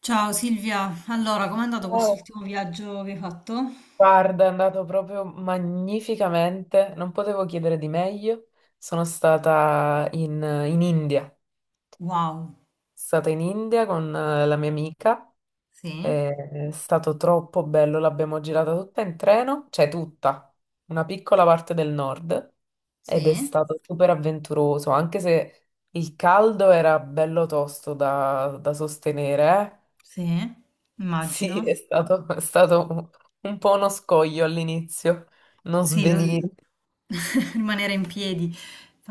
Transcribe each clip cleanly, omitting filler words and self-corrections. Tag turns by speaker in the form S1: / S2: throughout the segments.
S1: Ciao Silvia, allora com'è andato
S2: Oh,
S1: quest'ultimo viaggio che hai fatto?
S2: guarda, è andato proprio magnificamente, non potevo chiedere di meglio. Sono stata in India, sono
S1: Wow,
S2: stata in India con la mia amica.
S1: sì,
S2: È stato troppo bello, l'abbiamo girata tutta in treno, cioè tutta, una piccola parte del nord, ed è
S1: sì,
S2: stato super avventuroso, anche se il caldo era bello tosto da sostenere, eh.
S1: sì,
S2: Sì, è
S1: immagino.
S2: stato, è stato un, po' uno scoglio all'inizio, non
S1: Sì,
S2: svenire,
S1: rimanere in piedi.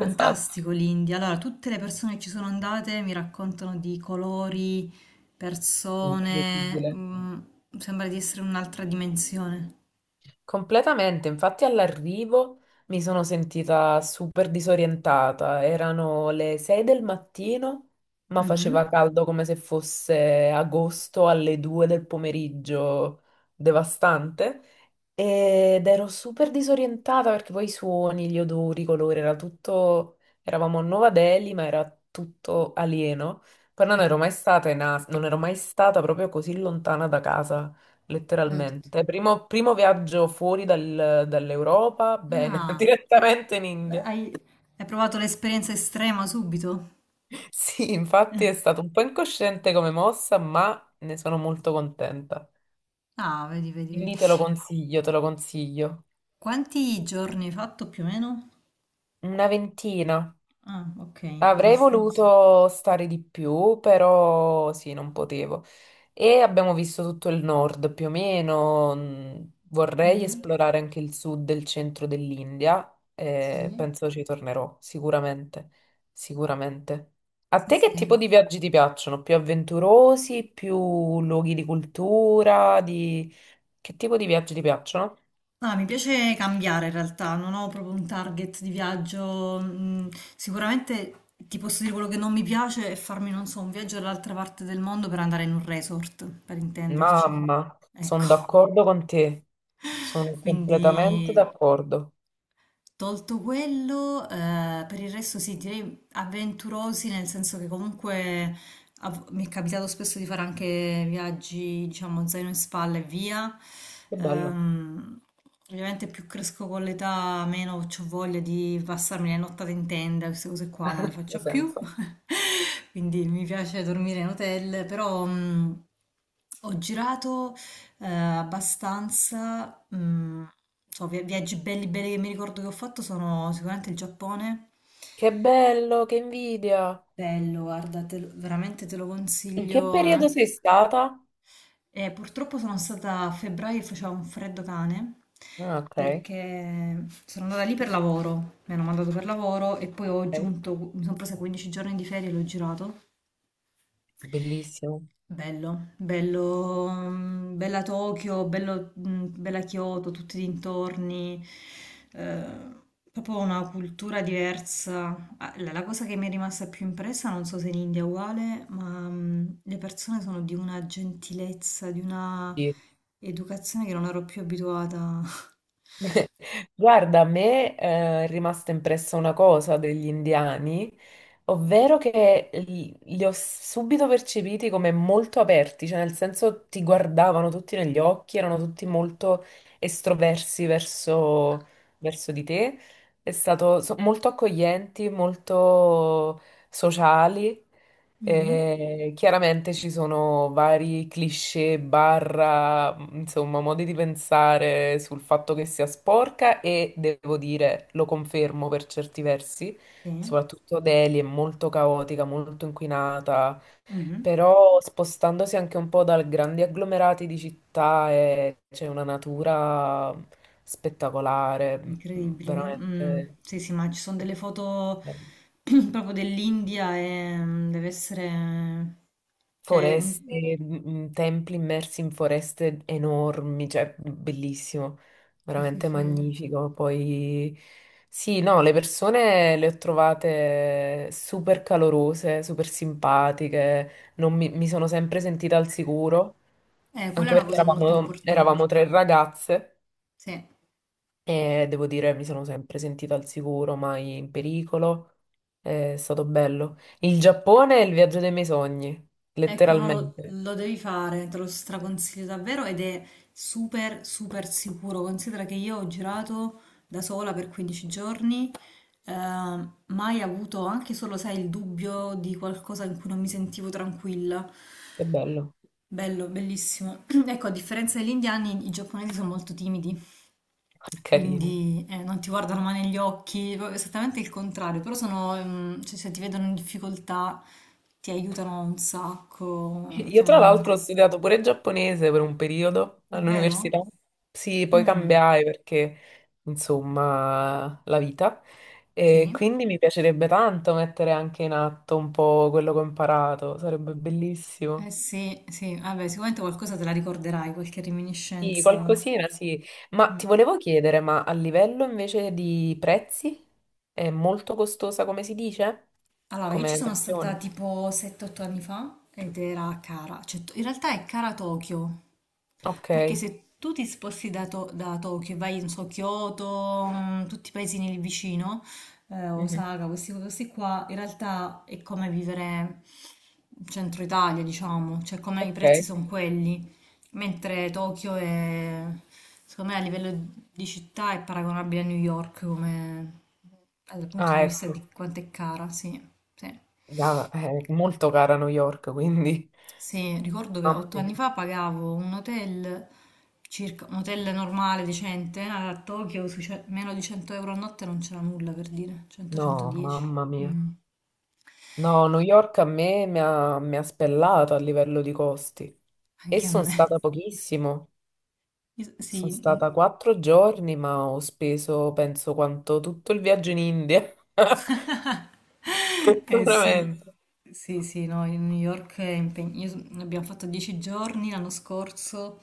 S2: esatto,
S1: l'India. Allora, tutte le persone che ci sono andate mi raccontano di colori, persone,
S2: incredibile.
S1: sembra di essere un'altra dimensione.
S2: Completamente, infatti all'arrivo mi sono sentita super disorientata, erano le 6 del mattino, ma
S1: Mhm.
S2: faceva caldo come se fosse agosto alle 2 del pomeriggio, devastante. Ed ero super disorientata perché poi i suoni, gli odori, i colori, era tutto. Eravamo a Nuova Delhi, ma era tutto alieno. Poi non ero mai stata proprio così lontana da casa,
S1: Certo.
S2: letteralmente. Primo viaggio fuori dall'Europa, bene,
S1: Ah,
S2: direttamente in India.
S1: hai hai provato l'esperienza estrema subito?
S2: Sì, infatti è stato un po' incosciente come mossa, ma ne sono molto contenta.
S1: Ah, vedi, vedi,
S2: Quindi
S1: vedi.
S2: te lo consiglio, te lo consiglio.
S1: Quanti giorni hai fatto più o meno?
S2: Una ventina.
S1: Ah, ok,
S2: Avrei
S1: abbastanza.
S2: voluto stare di più, però sì, non potevo. E abbiamo visto tutto il nord più o meno. Vorrei
S1: Mhm.
S2: esplorare anche il sud e il centro dell'India. eh,
S1: Sì.
S2: penso ci tornerò sicuramente. Sicuramente. A
S1: Sì,
S2: te
S1: sì.
S2: che tipo di viaggi ti piacciono? Più avventurosi, più luoghi di cultura. Che tipo di viaggi ti piacciono?
S1: No, mi piace cambiare in realtà, non ho proprio un target di viaggio. Sicuramente ti posso dire quello che non mi piace è farmi, non so, un viaggio all'altra parte del mondo per andare in un resort, per intenderci.
S2: Mamma,
S1: Ecco.
S2: sono d'accordo con te. Sono completamente
S1: Quindi,
S2: d'accordo.
S1: tolto quello, per il resto sì, direi avventurosi, nel senso che comunque mi è capitato spesso di fare anche viaggi, diciamo, zaino in spalla e via.
S2: Che bello,
S1: Ehm, Ovviamente più cresco con l'età, meno ho voglia di passarmi le nottate in tenda, queste cose qua non le
S2: ha
S1: faccio più.
S2: senso.
S1: Quindi mi piace dormire in hotel, però ho girato abbastanza, viaggi belli belli che mi ricordo che ho fatto sono sicuramente il Giappone.
S2: Che bello, che invidia.
S1: Bello, guarda, veramente te lo
S2: In che
S1: consiglio.
S2: periodo sei stata?
S1: E purtroppo sono stata a febbraio e faceva un freddo cane
S2: Ah, ok,
S1: perché sono andata lì per lavoro, mi hanno mandato per lavoro e poi ho
S2: ok.
S1: aggiunto, mi sono presa 15 giorni di ferie e l'ho girato.
S2: Bellissimo.
S1: Bello, bello, bella Tokyo, bello, bella Kyoto, tutti i dintorni, eh, proprio una cultura diversa. Ah, la cosa che mi è rimasta più impressa, non so se in India è uguale, ma le persone sono di una gentilezza, di una
S2: Sì.
S1: educazione che non ero più abituata.
S2: Guarda, a me è rimasta impressa una cosa degli indiani, ovvero che li ho subito percepiti come molto aperti, cioè nel senso ti guardavano tutti negli occhi, erano tutti molto estroversi verso di te, è stato molto accoglienti, molto sociali.
S1: Mhm,
S2: Chiaramente ci sono vari cliché, barra, insomma, modi di pensare sul fatto che sia sporca e devo dire, lo confermo per certi versi,
S1: sì,
S2: soprattutto Delhi è molto caotica, molto inquinata,
S1: mhm.
S2: però spostandosi anche un po' da grandi agglomerati di città c'è una natura spettacolare,
S1: Incredibile, vero? Mm,
S2: veramente.
S1: sì, sì, ma ci sono
S2: Eh,
S1: delle foto
S2: eh.
S1: proprio dell'India e deve essere. Cioè, mm,
S2: Foreste, templi immersi in foreste enormi, cioè bellissimo,
S1: sì, sì,
S2: veramente
S1: sì.
S2: magnifico. Poi sì, no, le persone le ho trovate super calorose, super simpatiche, non mi sono sempre sentita al sicuro,
S1: Quella è
S2: anche
S1: una
S2: perché
S1: cosa molto
S2: eravamo,
S1: importante.
S2: eravamo tre ragazze
S1: Sì.
S2: e devo dire mi sono sempre sentita al sicuro, mai in pericolo. È stato bello. Il Giappone è il viaggio dei miei sogni,
S1: Ecco, no, lo
S2: letteralmente.
S1: lo devi fare, te lo straconsiglio davvero ed è super, super sicuro. Considera che io ho girato da sola per 15 giorni, eh, mai avuto anche solo, sai, il dubbio di qualcosa in cui non mi sentivo tranquilla.
S2: Che bello,
S1: Bello, bellissimo. Ecco, a differenza degli indiani, i giapponesi sono molto timidi,
S2: carini.
S1: quindi non ti guardano mai negli occhi, proprio esattamente il contrario, però sono, cioè, se ti vedono in difficoltà ti aiutano un sacco,
S2: Io tra
S1: insomma,
S2: l'altro ho studiato pure giapponese per un periodo
S1: davvero?
S2: all'università. Sì, poi
S1: Mm,
S2: cambiai perché, insomma, la vita. E
S1: sì.
S2: quindi mi piacerebbe tanto mettere anche in atto un po' quello che ho imparato, sarebbe
S1: Eh
S2: bellissimo.
S1: sì, sì, vabbè, sicuramente qualcosa te la ricorderai, qualche
S2: Sì,
S1: reminiscenza.
S2: qualcosina, sì. Ma ti
S1: Mm.
S2: volevo chiedere, ma a livello invece di prezzi è molto costosa, come si dice?
S1: Allora, io ci
S2: Come
S1: sono stata
S2: lezione?
S1: tipo 7-8 anni fa ed era a cara, cioè in realtà è cara Tokyo,
S2: Ok.
S1: perché se tu ti sposti da Tokyo e vai, non so, Kyoto, tutti i paesini lì vicino,
S2: Mhm.
S1: Osaka, questi qua, in realtà è come vivere in centro Italia, diciamo, cioè come i prezzi
S2: Ok.
S1: sono quelli, mentre Tokyo è, secondo me, a livello di città è paragonabile a New York come dal punto di
S2: Ah,
S1: vista
S2: ecco.
S1: di quanto è cara, sì. Sì.
S2: È molto cara New York, quindi.
S1: Sì, ricordo che
S2: Mamma
S1: 8 anni
S2: mia.
S1: fa pagavo un hotel, circa, un hotel normale, decente, a Tokyo, sui meno di 100 euro a notte non c'era nulla per dire,
S2: No,
S1: 100-110.
S2: mamma mia.
S1: Mm,
S2: No, New York a me mi ha spellato a livello di costi. E
S1: anche a
S2: sono
S1: me.
S2: stata pochissimo.
S1: Sì.
S2: Sono
S1: Mm.
S2: stata 4 giorni, ma ho speso, penso, quanto tutto il viaggio in India.
S1: Eh sì,
S2: Veramente.
S1: sì, sì, no, in New York è impegnativa. Abbiamo fatto 10 giorni l'anno scorso,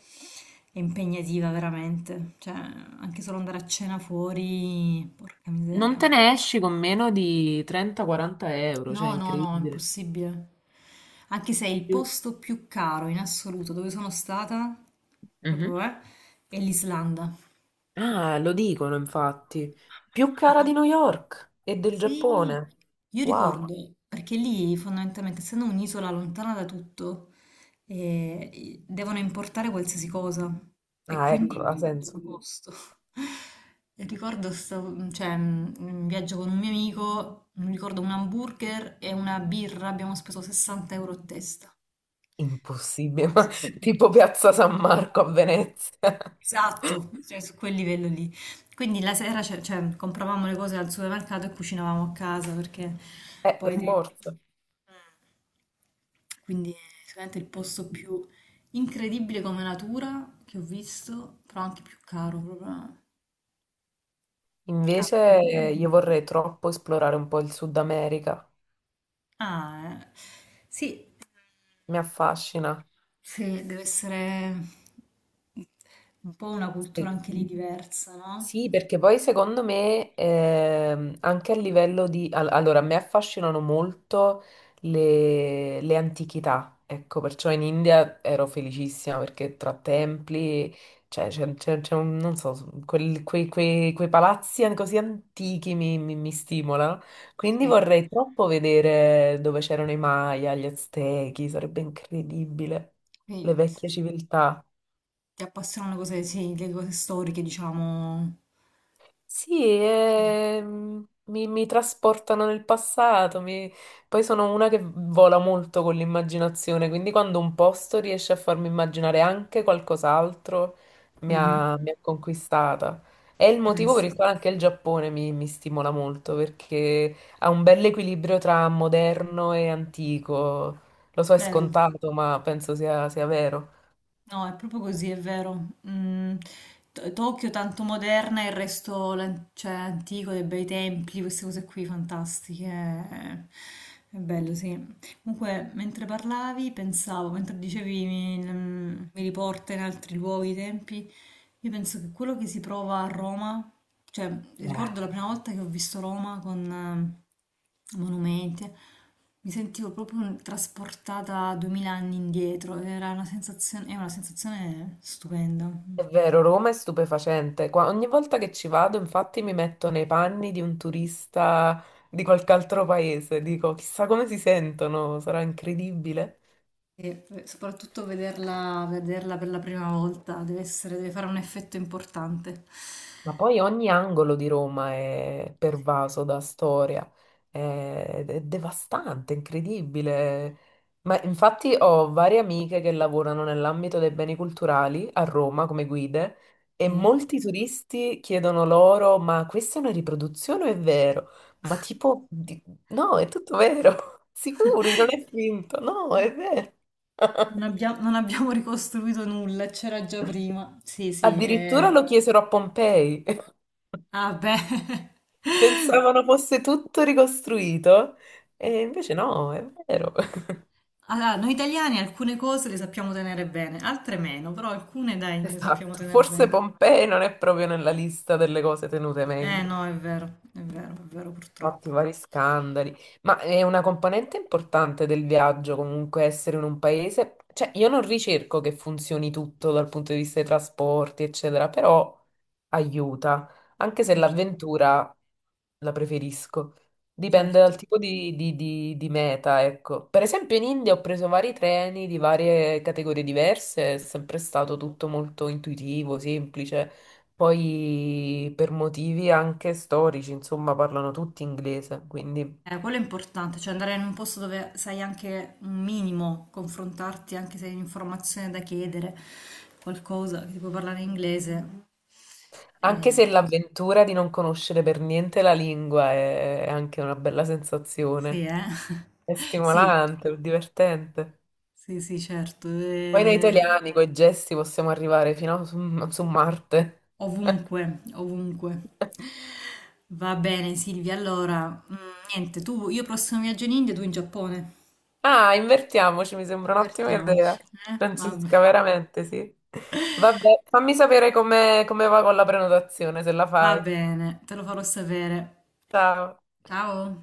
S1: è impegnativa veramente. Cioè, anche solo andare a cena fuori, porca
S2: Non
S1: miseria.
S2: te ne esci con meno di 30-40 euro, cioè è
S1: No, no, no,
S2: incredibile.
S1: impossibile. Anche se è il
S2: Sì.
S1: posto più caro in assoluto dove sono stata,
S2: Mhm.
S1: proprio, è l'Islanda.
S2: Ah, lo dicono infatti. Più cara di
S1: Ricor-
S2: New York e del
S1: Sì,
S2: Giappone.
S1: io
S2: Wow.
S1: ricordo, perché lì fondamentalmente, essendo un'isola lontana da tutto, devono importare qualsiasi cosa e
S2: Ah, ecco,
S1: quindi
S2: ha
S1: tutto il
S2: senso.
S1: costo. E ricordo cioè, un viaggio con un mio amico, mi ricordo un hamburger e una birra, abbiamo speso 60 euro a testa.
S2: Impossibile, ma tipo Piazza San Marco a Venezia.
S1: Esatto, cioè su quel livello lì. Quindi la sera cioè, compravamo le cose al supermercato e cucinavamo a casa perché poi. Mm.
S2: Per forza.
S1: Quindi è sicuramente il posto più incredibile come natura che ho visto, però anche più caro, proprio caro.
S2: Invece io vorrei troppo esplorare un po' il Sud America.
S1: Ah, eh. Sì,
S2: Mi affascina.
S1: sì, deve essere un po' una cultura
S2: Sì.
S1: anche lì diversa, no?
S2: Sì, perché poi secondo me anche a livello di allora, a me affascinano molto le antichità, ecco, perciò in India ero felicissima perché tra templi, cioè, c'è non so, quei palazzi così antichi mi stimolano, quindi
S1: Sì.
S2: vorrei troppo vedere dove c'erano i Maya, gli Aztechi, sarebbe incredibile, le
S1: Quindi, sì.
S2: vecchie civiltà.
S1: Ti appassionano le cose, sì, le cose storiche, diciamo.
S2: Sì,
S1: Sì.
S2: mi trasportano nel passato, poi sono una che vola molto con l'immaginazione, quindi quando un posto riesce a farmi immaginare anche qualcos'altro, mi
S1: Mhm.
S2: ha, mi ha conquistata. È il
S1: Eh
S2: motivo per il
S1: sì,
S2: quale anche il Giappone mi stimola molto, perché ha un bel equilibrio tra moderno e antico. Lo so, è
S1: vero.
S2: scontato, ma penso sia vero.
S1: No, è proprio così, è vero. Mm, Tokyo tanto moderna, il resto cioè, antico, dei bei templi, queste cose qui fantastiche. È bello, sì. Comunque, mentre parlavi, pensavo, mentre dicevi mi riporta in altri luoghi, i tempi, io penso che quello che si prova a Roma, cioè ricordo
S2: Eh.
S1: la prima volta che ho visto Roma con monumenti, mi sentivo proprio trasportata 2000 anni indietro, era una sensazione, è una sensazione stupenda.
S2: È vero, Roma è stupefacente. Ogni volta che ci vado, infatti, mi metto nei panni di un turista di qualche altro paese. Dico, chissà come si sentono, sarà incredibile.
S1: Soprattutto vederla, vederla per la prima volta deve fare un effetto importante.
S2: Ma poi ogni angolo di Roma è
S1: Sì.
S2: pervaso da storia, è devastante, incredibile. Ma infatti ho varie amiche che lavorano nell'ambito dei beni culturali a Roma come guide e
S1: Sì.
S2: molti turisti chiedono loro, ma questa è una riproduzione o è vero? Ma tipo, no, è tutto vero, sicuri, non è finto, no, è vero.
S1: Non abbiamo ricostruito nulla, c'era già prima. Sì, sì,
S2: Addirittura
S1: eh.
S2: lo chiesero a Pompei.
S1: Ah, beh.
S2: Pensavano fosse tutto ricostruito e invece no, è vero.
S1: Allora, noi italiani alcune cose le sappiamo tenere bene, altre meno, però alcune dai, le sappiamo
S2: Esatto,
S1: tenere
S2: forse
S1: bene.
S2: Pompei non è proprio nella lista delle cose tenute
S1: Eh
S2: meglio.
S1: no, è vero, è vero, è vero purtroppo.
S2: Fatti vari scandali, ma è una componente importante del viaggio comunque essere in un paese, cioè io non ricerco che funzioni tutto dal punto di vista dei trasporti, eccetera, però aiuta, anche se
S1: Certo,
S2: l'avventura la preferisco, dipende
S1: certo.
S2: dal tipo di meta, ecco. Per esempio in India ho preso vari treni di varie categorie diverse, è sempre stato tutto molto intuitivo, semplice. Poi per motivi anche storici, insomma, parlano tutti inglese, quindi
S1: Quello è importante, cioè andare in un posto dove sai anche un minimo, confrontarti anche se hai un'informazione da chiedere, qualcosa che ti puoi parlare in inglese.
S2: anche
S1: Eh,
S2: se l'avventura di non conoscere per niente la lingua è anche una bella
S1: Sì,
S2: sensazione,
S1: eh?
S2: è
S1: Sì,
S2: stimolante, è divertente.
S1: sì, sì, certo.
S2: Poi noi italiani con i gesti possiamo arrivare fino a su Marte.
S1: Ovunque, ovunque. Va bene, Silvia. Allora, niente, tu, io prossimo viaggio in India, tu in Giappone.
S2: Ah, invertiamoci, mi sembra un'ottima idea.
S1: Divertiamoci. Eh? Va,
S2: Francesca, veramente, sì. Vabbè, fammi sapere come va con la prenotazione, se la
S1: va
S2: fai.
S1: bene, te lo farò sapere.
S2: Ciao.
S1: Ciao.